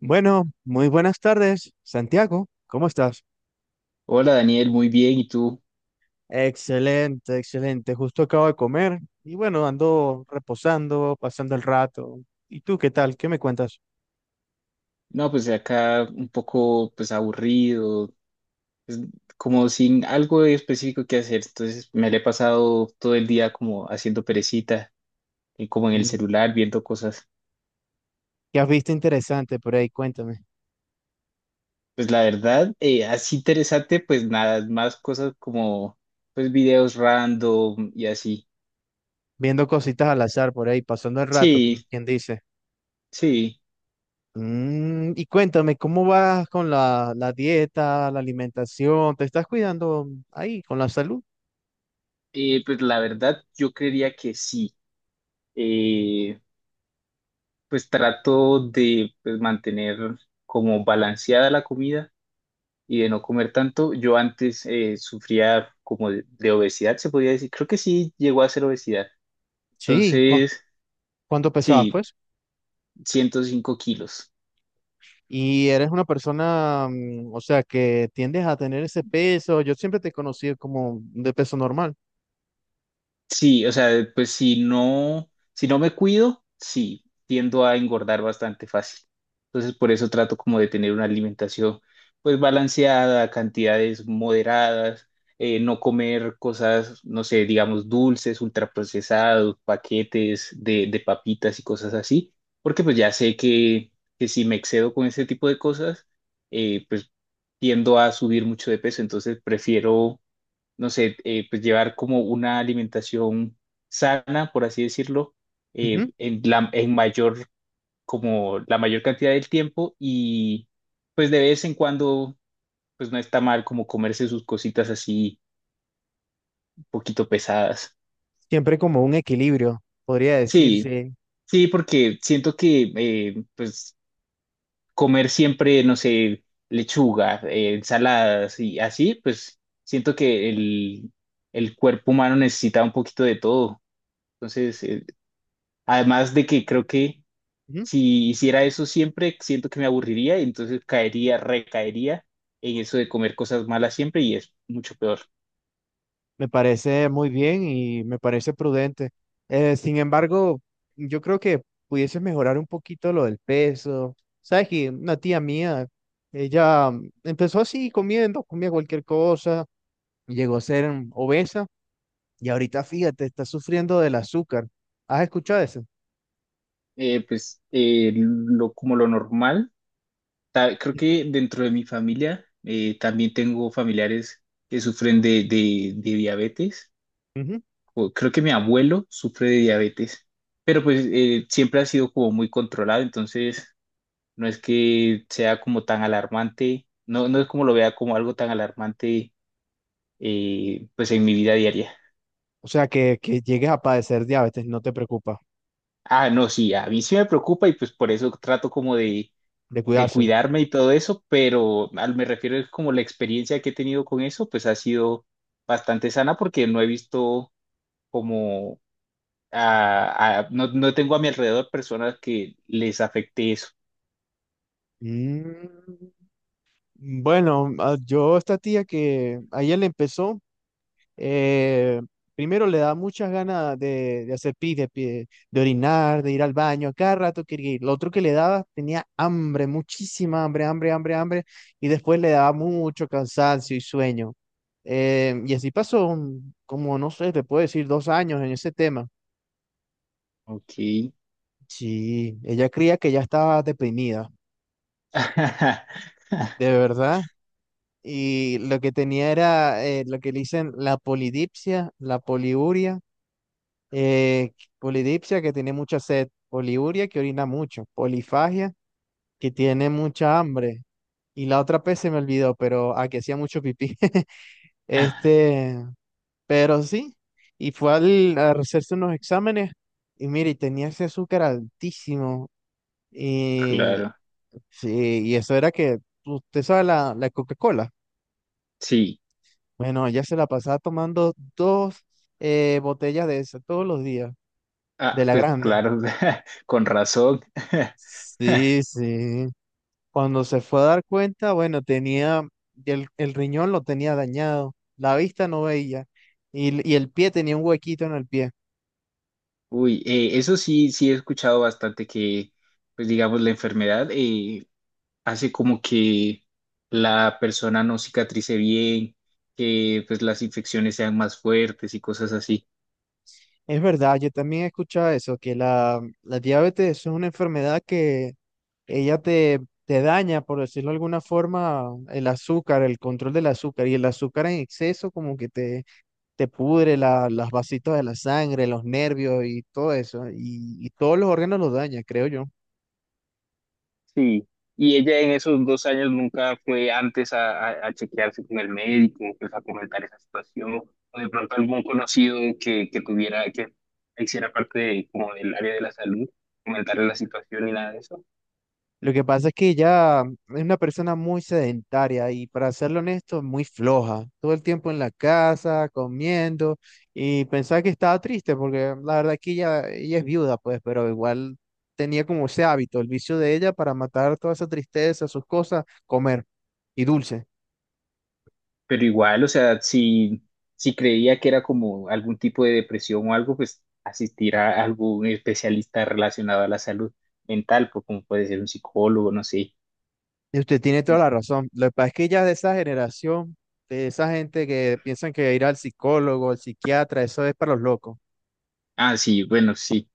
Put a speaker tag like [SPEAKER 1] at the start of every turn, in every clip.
[SPEAKER 1] Bueno, muy buenas tardes, Santiago. ¿Cómo estás?
[SPEAKER 2] Hola Daniel, muy bien, ¿y tú?
[SPEAKER 1] Excelente, excelente. Justo acabo de comer y bueno, ando reposando, pasando el rato. ¿Y tú qué tal? ¿Qué me cuentas?
[SPEAKER 2] No, pues acá un poco aburrido, pues, como sin algo específico que hacer. Entonces me le he pasado todo el día como haciendo perecita, y como en el
[SPEAKER 1] Mm.
[SPEAKER 2] celular viendo cosas.
[SPEAKER 1] ¿Qué has visto interesante por ahí? Cuéntame.
[SPEAKER 2] Pues la verdad, así interesante, pues nada, más cosas como videos random y así.
[SPEAKER 1] Viendo cositas al azar por ahí, pasando el rato,
[SPEAKER 2] Sí,
[SPEAKER 1] como quien dice.
[SPEAKER 2] sí.
[SPEAKER 1] Mm, y cuéntame, ¿cómo vas con la dieta, la alimentación? ¿Te estás cuidando ahí con la salud?
[SPEAKER 2] Pues la verdad yo creería que sí. Eh, pues trato de mantener como balanceada la comida y de no comer tanto. Yo antes sufría como de obesidad, se podía decir. Creo que sí llegó a ser obesidad.
[SPEAKER 1] Sí, ¿cu-
[SPEAKER 2] Entonces,
[SPEAKER 1] ¿cuánto pesabas,
[SPEAKER 2] sí,
[SPEAKER 1] pues?
[SPEAKER 2] 105 kilos.
[SPEAKER 1] Y eres una persona, mm, o sea, que tiendes a tener ese peso. Yo siempre te he conocido como de peso normal.
[SPEAKER 2] Sí, o sea, pues si no me cuido, sí, tiendo a engordar bastante fácil. Entonces, por eso trato como de tener una alimentación pues balanceada, cantidades moderadas, no comer cosas, no sé, digamos dulces, ultraprocesados, paquetes de papitas y cosas así, porque pues ya sé que si me excedo con ese tipo de cosas, eh, pues tiendo a subir mucho de peso. Entonces prefiero no sé, pues llevar como una alimentación sana, por así decirlo,
[SPEAKER 1] Ujú.
[SPEAKER 2] en mayor, como la mayor cantidad del tiempo, y pues de vez en cuando, pues no está mal como comerse sus cositas así un poquito pesadas.
[SPEAKER 1] Siempre como un equilibrio, podría
[SPEAKER 2] Sí,
[SPEAKER 1] decirse.
[SPEAKER 2] sí, porque siento que pues comer siempre, no sé, lechuga, ensaladas y así, pues siento que el cuerpo humano necesita un poquito de todo. Entonces, además de que creo que
[SPEAKER 1] Ujú.
[SPEAKER 2] si hiciera eso siempre, siento que me aburriría y entonces recaería en eso de comer cosas malas siempre, y es mucho peor.
[SPEAKER 1] Me parece muy bien y me parece prudente. Sin embargo, yo creo que pudieses mejorar un poquito lo del peso. Sabes que una tía mía, ella mm, empezó así comiendo, comía cualquier cosa, llegó a ser mm, obesa y ahorita, fíjate, está sufriendo del azúcar. ¿Has escuchado eso?
[SPEAKER 2] Lo, como lo normal, creo que dentro de mi familia también tengo familiares que sufren de diabetes.
[SPEAKER 1] Ujú.
[SPEAKER 2] O creo que mi abuelo sufre de diabetes, pero pues siempre ha sido como muy controlado. Entonces no es que sea como tan alarmante, no, no es como lo vea como algo tan alarmante pues en mi vida diaria.
[SPEAKER 1] O sea, que llegues a padecer diabetes, no te preocupa,
[SPEAKER 2] Ah, no, sí, a mí sí me preocupa, y pues por eso trato como
[SPEAKER 1] de
[SPEAKER 2] de
[SPEAKER 1] cuidarse.
[SPEAKER 2] cuidarme y todo eso, pero al me refiero es como la experiencia que he tenido con eso, pues ha sido bastante sana porque no he visto como, no, no tengo a mi alrededor personas que les afecte eso.
[SPEAKER 1] Mm, bueno, ah, yo esta tía que ayer le empezó, eh, primero le da muchas ganas de hacer pis, de, pi- de orinar, de ir al baño, a cada rato quería ir. Lo otro que le daba tenía hambre, muchísima hambre, hambre, hambre, hambre, y después le daba mucho cansancio y sueño. Y así pasó un- como, no sé, te puedo decir, 2 años en ese tema.
[SPEAKER 2] Ok.
[SPEAKER 1] Sí, ella creía que ya estaba deprimida, de verdad. Y lo que tenía era lo que le dicen la polidipsia, la poliuria, eh, polidipsia que tiene mucha sed, poliuria que orina mucho, polifagia que tiene mucha hambre. Y la otra P se me olvidó, pero a que hacía mucho pipí. Este, pero sí. Y fue al, a hacerse unos exámenes y mire, tenía ese azúcar altísimo.
[SPEAKER 2] Claro,
[SPEAKER 1] Sí, y eso era que, usted sabe la Coca-Cola.
[SPEAKER 2] sí.
[SPEAKER 1] Bueno, ella se la pasaba tomando dos botellas de esa todos los días, de
[SPEAKER 2] Ah,
[SPEAKER 1] la
[SPEAKER 2] pues
[SPEAKER 1] grande.
[SPEAKER 2] claro, con razón.
[SPEAKER 1] Sí, sí. Cuando se fue a dar cuenta, bueno, tenía, el riñón lo tenía dañado, la vista no veía y, l- y el pie tenía un huequito en el pie.
[SPEAKER 2] Uy, eso sí, sí he escuchado bastante que, pues digamos, la enfermedad hace como que la persona no cicatrice bien, que pues las infecciones sean más fuertes y cosas así.
[SPEAKER 1] Es verdad, yo también he escuchado eso, que la diabetes es una enfermedad ella te, te daña, por decirlo de alguna forma, el azúcar, el control del azúcar, y el azúcar en exceso como que te pudre la, las vasitos de la sangre, los nervios y todo eso, y todos los órganos los daña, creo yo.
[SPEAKER 2] Sí, y ella en esos 2 años nunca fue antes a, a chequearse con el médico, pues a comentar esa situación, o de pronto algún conocido que tuviera, que hiciera parte de- como del área de la salud, comentarle la situación y nada de eso.
[SPEAKER 1] Lo que pasa es que ella es una persona muy sedentaria y para serlo honesto, muy floja. Todo el tiempo en la casa, comiendo y pensaba que estaba triste porque la verdad que ella es viuda, pues, pero igual tenía como ese hábito, el vicio de ella para matar toda esa tristeza, sus cosas, comer y dulce.
[SPEAKER 2] Pero igual, o sea, si, si creía que era como algún tipo de depresión o algo, pues asistir a algún especialista relacionado a la salud mental, pues como puede ser un psicólogo, no sé.
[SPEAKER 1] Y usted tiene toda la razón. Lo que pasa es que ella es de esa generación, de esa gente que piensan que ir al psicólogo, al psiquiatra, eso es para los locos.
[SPEAKER 2] Ah, sí, bueno, sí.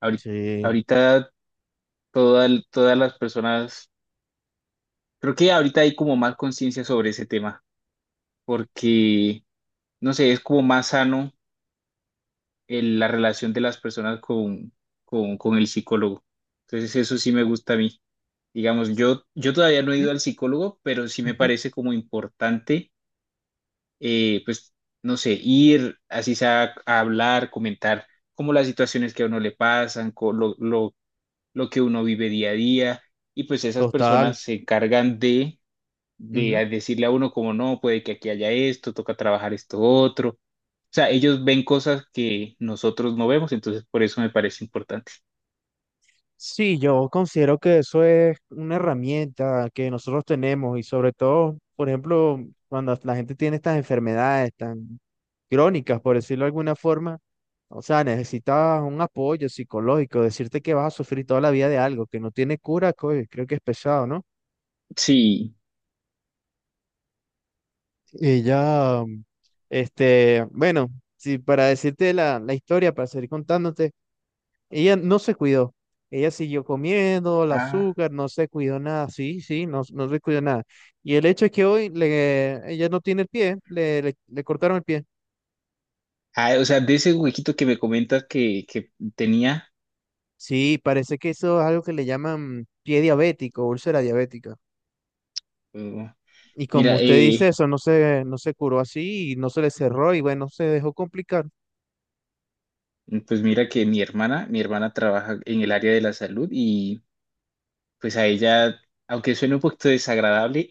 [SPEAKER 2] Ahorita,
[SPEAKER 1] Sí.
[SPEAKER 2] ahorita todas las personas, creo que ahorita hay como más conciencia sobre ese tema, porque, no sé, es como más sano la relación de las personas con el psicólogo. Entonces, eso sí me gusta a mí. Digamos, yo todavía no he
[SPEAKER 1] Ujú,
[SPEAKER 2] ido al psicólogo, pero sí me
[SPEAKER 1] ujú.
[SPEAKER 2] parece como importante, eh, pues, no sé, ir así sea a hablar, comentar como las situaciones que a uno le pasan, con lo que uno vive día a día, y pues esas
[SPEAKER 1] Total.
[SPEAKER 2] personas se encargan de
[SPEAKER 1] Ujú.
[SPEAKER 2] a decirle a uno como no, puede que aquí haya esto, toca trabajar esto otro. O sea, ellos ven cosas que nosotros no vemos, entonces por eso me parece importante.
[SPEAKER 1] Sí, yo considero que eso es una herramienta que nosotros tenemos y sobre todo, por ejemplo, cuando la gente tiene estas enfermedades tan crónicas, por decirlo de alguna forma, o sea, necesitas un apoyo psicológico, decirte que vas a sufrir toda la vida de algo que no tiene cura, coño, creo que es pesado, ¿no?
[SPEAKER 2] Sí.
[SPEAKER 1] Y ya, este, bueno, si para decirte la historia, para seguir contándote. Ella no se cuidó. Ella siguió comiendo el
[SPEAKER 2] Ah,
[SPEAKER 1] azúcar, no se cuidó nada. Sí, sí, no, no se cuidó nada. Y el hecho es que hoy le, ella no tiene el pie, le cortaron el pie.
[SPEAKER 2] ah, o sea, de ese huequito que me comentas que tenía,
[SPEAKER 1] Sí, parece que eso es algo que le llaman pie diabético, úlcera diabética.
[SPEAKER 2] eh,
[SPEAKER 1] Y como
[SPEAKER 2] mira,
[SPEAKER 1] usted dice, eso no se, no se curó así y no se le cerró y bueno, se dejó complicar.
[SPEAKER 2] pues mira que mi hermana trabaja en el área de la salud. Y pues a ella, aunque suene un poquito desagradable,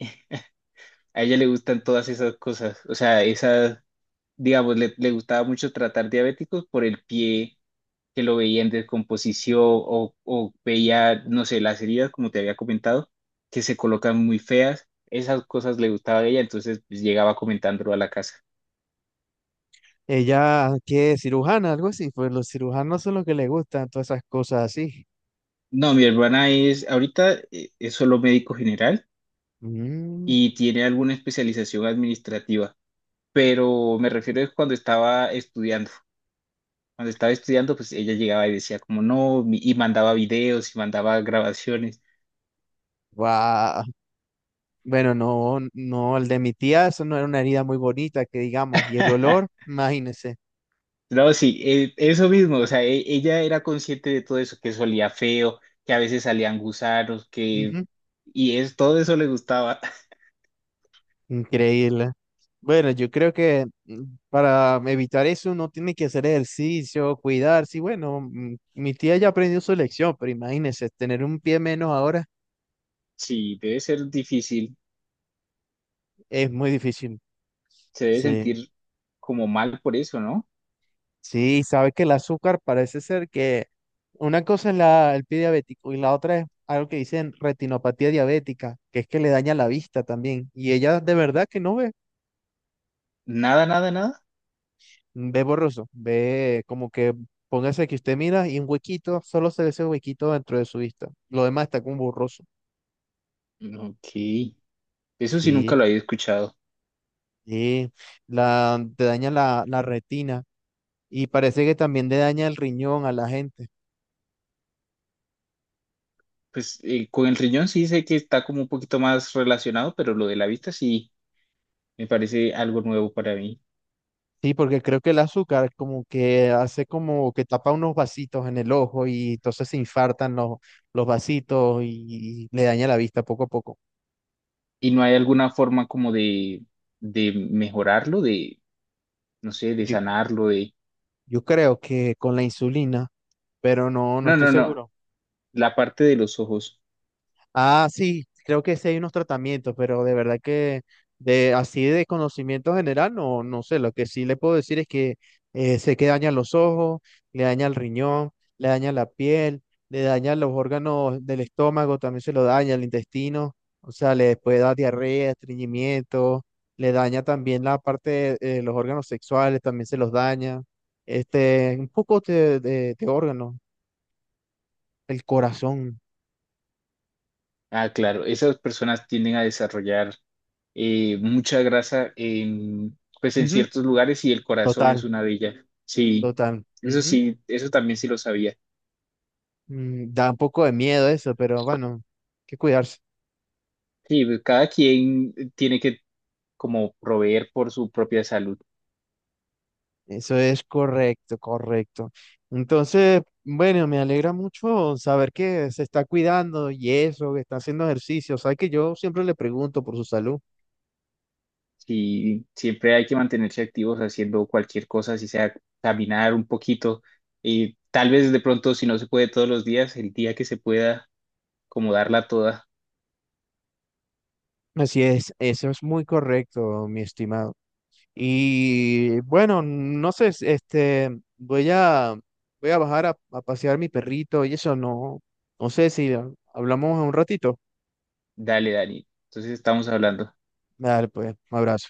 [SPEAKER 2] a ella le gustan todas esas cosas. O sea, esas, digamos, le gustaba mucho tratar diabéticos por el pie, que lo veía en descomposición o veía, no sé, las heridas, como te había comentado, que se colocan muy feas. Esas cosas le gustaba a ella, entonces pues, llegaba comentándolo a la casa.
[SPEAKER 1] Ella, qué cirujana, algo así, pues los cirujanos son los que les gustan todas esas cosas así.
[SPEAKER 2] No, mi hermana es, ahorita es solo médico general
[SPEAKER 1] Mm,
[SPEAKER 2] y tiene alguna especialización administrativa, pero me refiero es cuando estaba estudiando. Cuando estaba estudiando, pues ella llegaba y decía como no, y mandaba videos y mandaba grabaciones.
[SPEAKER 1] guau. Bueno, no, no, el de mi tía, eso no era una herida muy bonita, que digamos, y el olor, imagínese.
[SPEAKER 2] No, sí, eso mismo, o sea, ella era consciente de todo eso, que eso olía feo, que a veces salían gusanos, que...
[SPEAKER 1] Ujú,
[SPEAKER 2] Y es, todo eso le gustaba.
[SPEAKER 1] increíble. Bueno, yo creo que mm, para evitar eso uno tiene que hacer ejercicio, cuidarse. Y bueno, mm, mi tía ya aprendió su lección, pero imagínese, tener un pie menos ahora
[SPEAKER 2] Sí, debe ser difícil,
[SPEAKER 1] es muy difícil.
[SPEAKER 2] se debe
[SPEAKER 1] Sí.
[SPEAKER 2] sentir como mal por eso, ¿no?
[SPEAKER 1] Sí, sabe que el azúcar parece ser que una cosa es la, el pie diabético y la otra es algo que dicen retinopatía diabética, que es que le daña la vista también. Y ella de verdad que no ve,
[SPEAKER 2] Nada, nada, nada.
[SPEAKER 1] ve borroso, ve como que póngase que usted mira y un huequito, solo se ve ese huequito dentro de su vista. Lo demás está como borroso.
[SPEAKER 2] Ok, eso sí nunca
[SPEAKER 1] Sí,
[SPEAKER 2] lo había escuchado.
[SPEAKER 1] sí, la, te daña la retina y parece que también le daña el riñón a la gente.
[SPEAKER 2] Pues con el riñón sí sé que está como un poquito más relacionado, pero lo de la vista sí me parece algo nuevo para mí.
[SPEAKER 1] Sí, porque creo que el azúcar como que hace como que tapa unos vasitos en el ojo y entonces se infartan los vasitos y le daña la vista poco a poco.
[SPEAKER 2] ¿Y no hay alguna forma como de mejorarlo, de, no sé, de
[SPEAKER 1] Yo,
[SPEAKER 2] sanarlo?
[SPEAKER 1] yo creo que con la insulina, pero no, no
[SPEAKER 2] No,
[SPEAKER 1] estoy
[SPEAKER 2] no, no.
[SPEAKER 1] seguro.
[SPEAKER 2] La parte de los ojos.
[SPEAKER 1] Ah, sí, creo que sí hay unos tratamientos, pero de verdad que de así de conocimiento general, no, no sé, lo que sí le puedo decir es que sé que daña los ojos, le daña el riñón, le daña la piel, le daña los órganos del estómago, también se lo daña el intestino, o sea, le puede dar diarrea, estreñimiento, le daña también la parte de los órganos sexuales, también se los daña, este, un poco de órganos, el corazón,
[SPEAKER 2] Ah, claro. Esas personas tienden a desarrollar mucha grasa en, pues en
[SPEAKER 1] ujú,
[SPEAKER 2] ciertos lugares, y el corazón
[SPEAKER 1] total,
[SPEAKER 2] es una de ellas. Sí,
[SPEAKER 1] total. Ujú.
[SPEAKER 2] sí, eso también sí lo sabía.
[SPEAKER 1] Mm, da un poco de miedo eso, pero bueno, hay que cuidarse.
[SPEAKER 2] Sí, pues, cada quien tiene que como proveer por su propia salud.
[SPEAKER 1] Eso es correcto, correcto. Entonces, bueno, me alegra mucho saber que se está cuidando y eso, que está haciendo ejercicio. Sabes que yo siempre le pregunto por su salud.
[SPEAKER 2] Sí, siempre hay que mantenerse activos haciendo cualquier cosa, si sea caminar un poquito. Y tal vez de pronto, si no se puede todos los días, el día que se pueda, como darla toda.
[SPEAKER 1] Así es, eso es muy correcto, mi estimado. Y bueno, no sé, s- este, voy a, voy a bajar a pasear mi perrito y eso no, no sé si hablamos un ratito.
[SPEAKER 2] Dale, Dani. Entonces estamos hablando.
[SPEAKER 1] Dale, pues, un abrazo.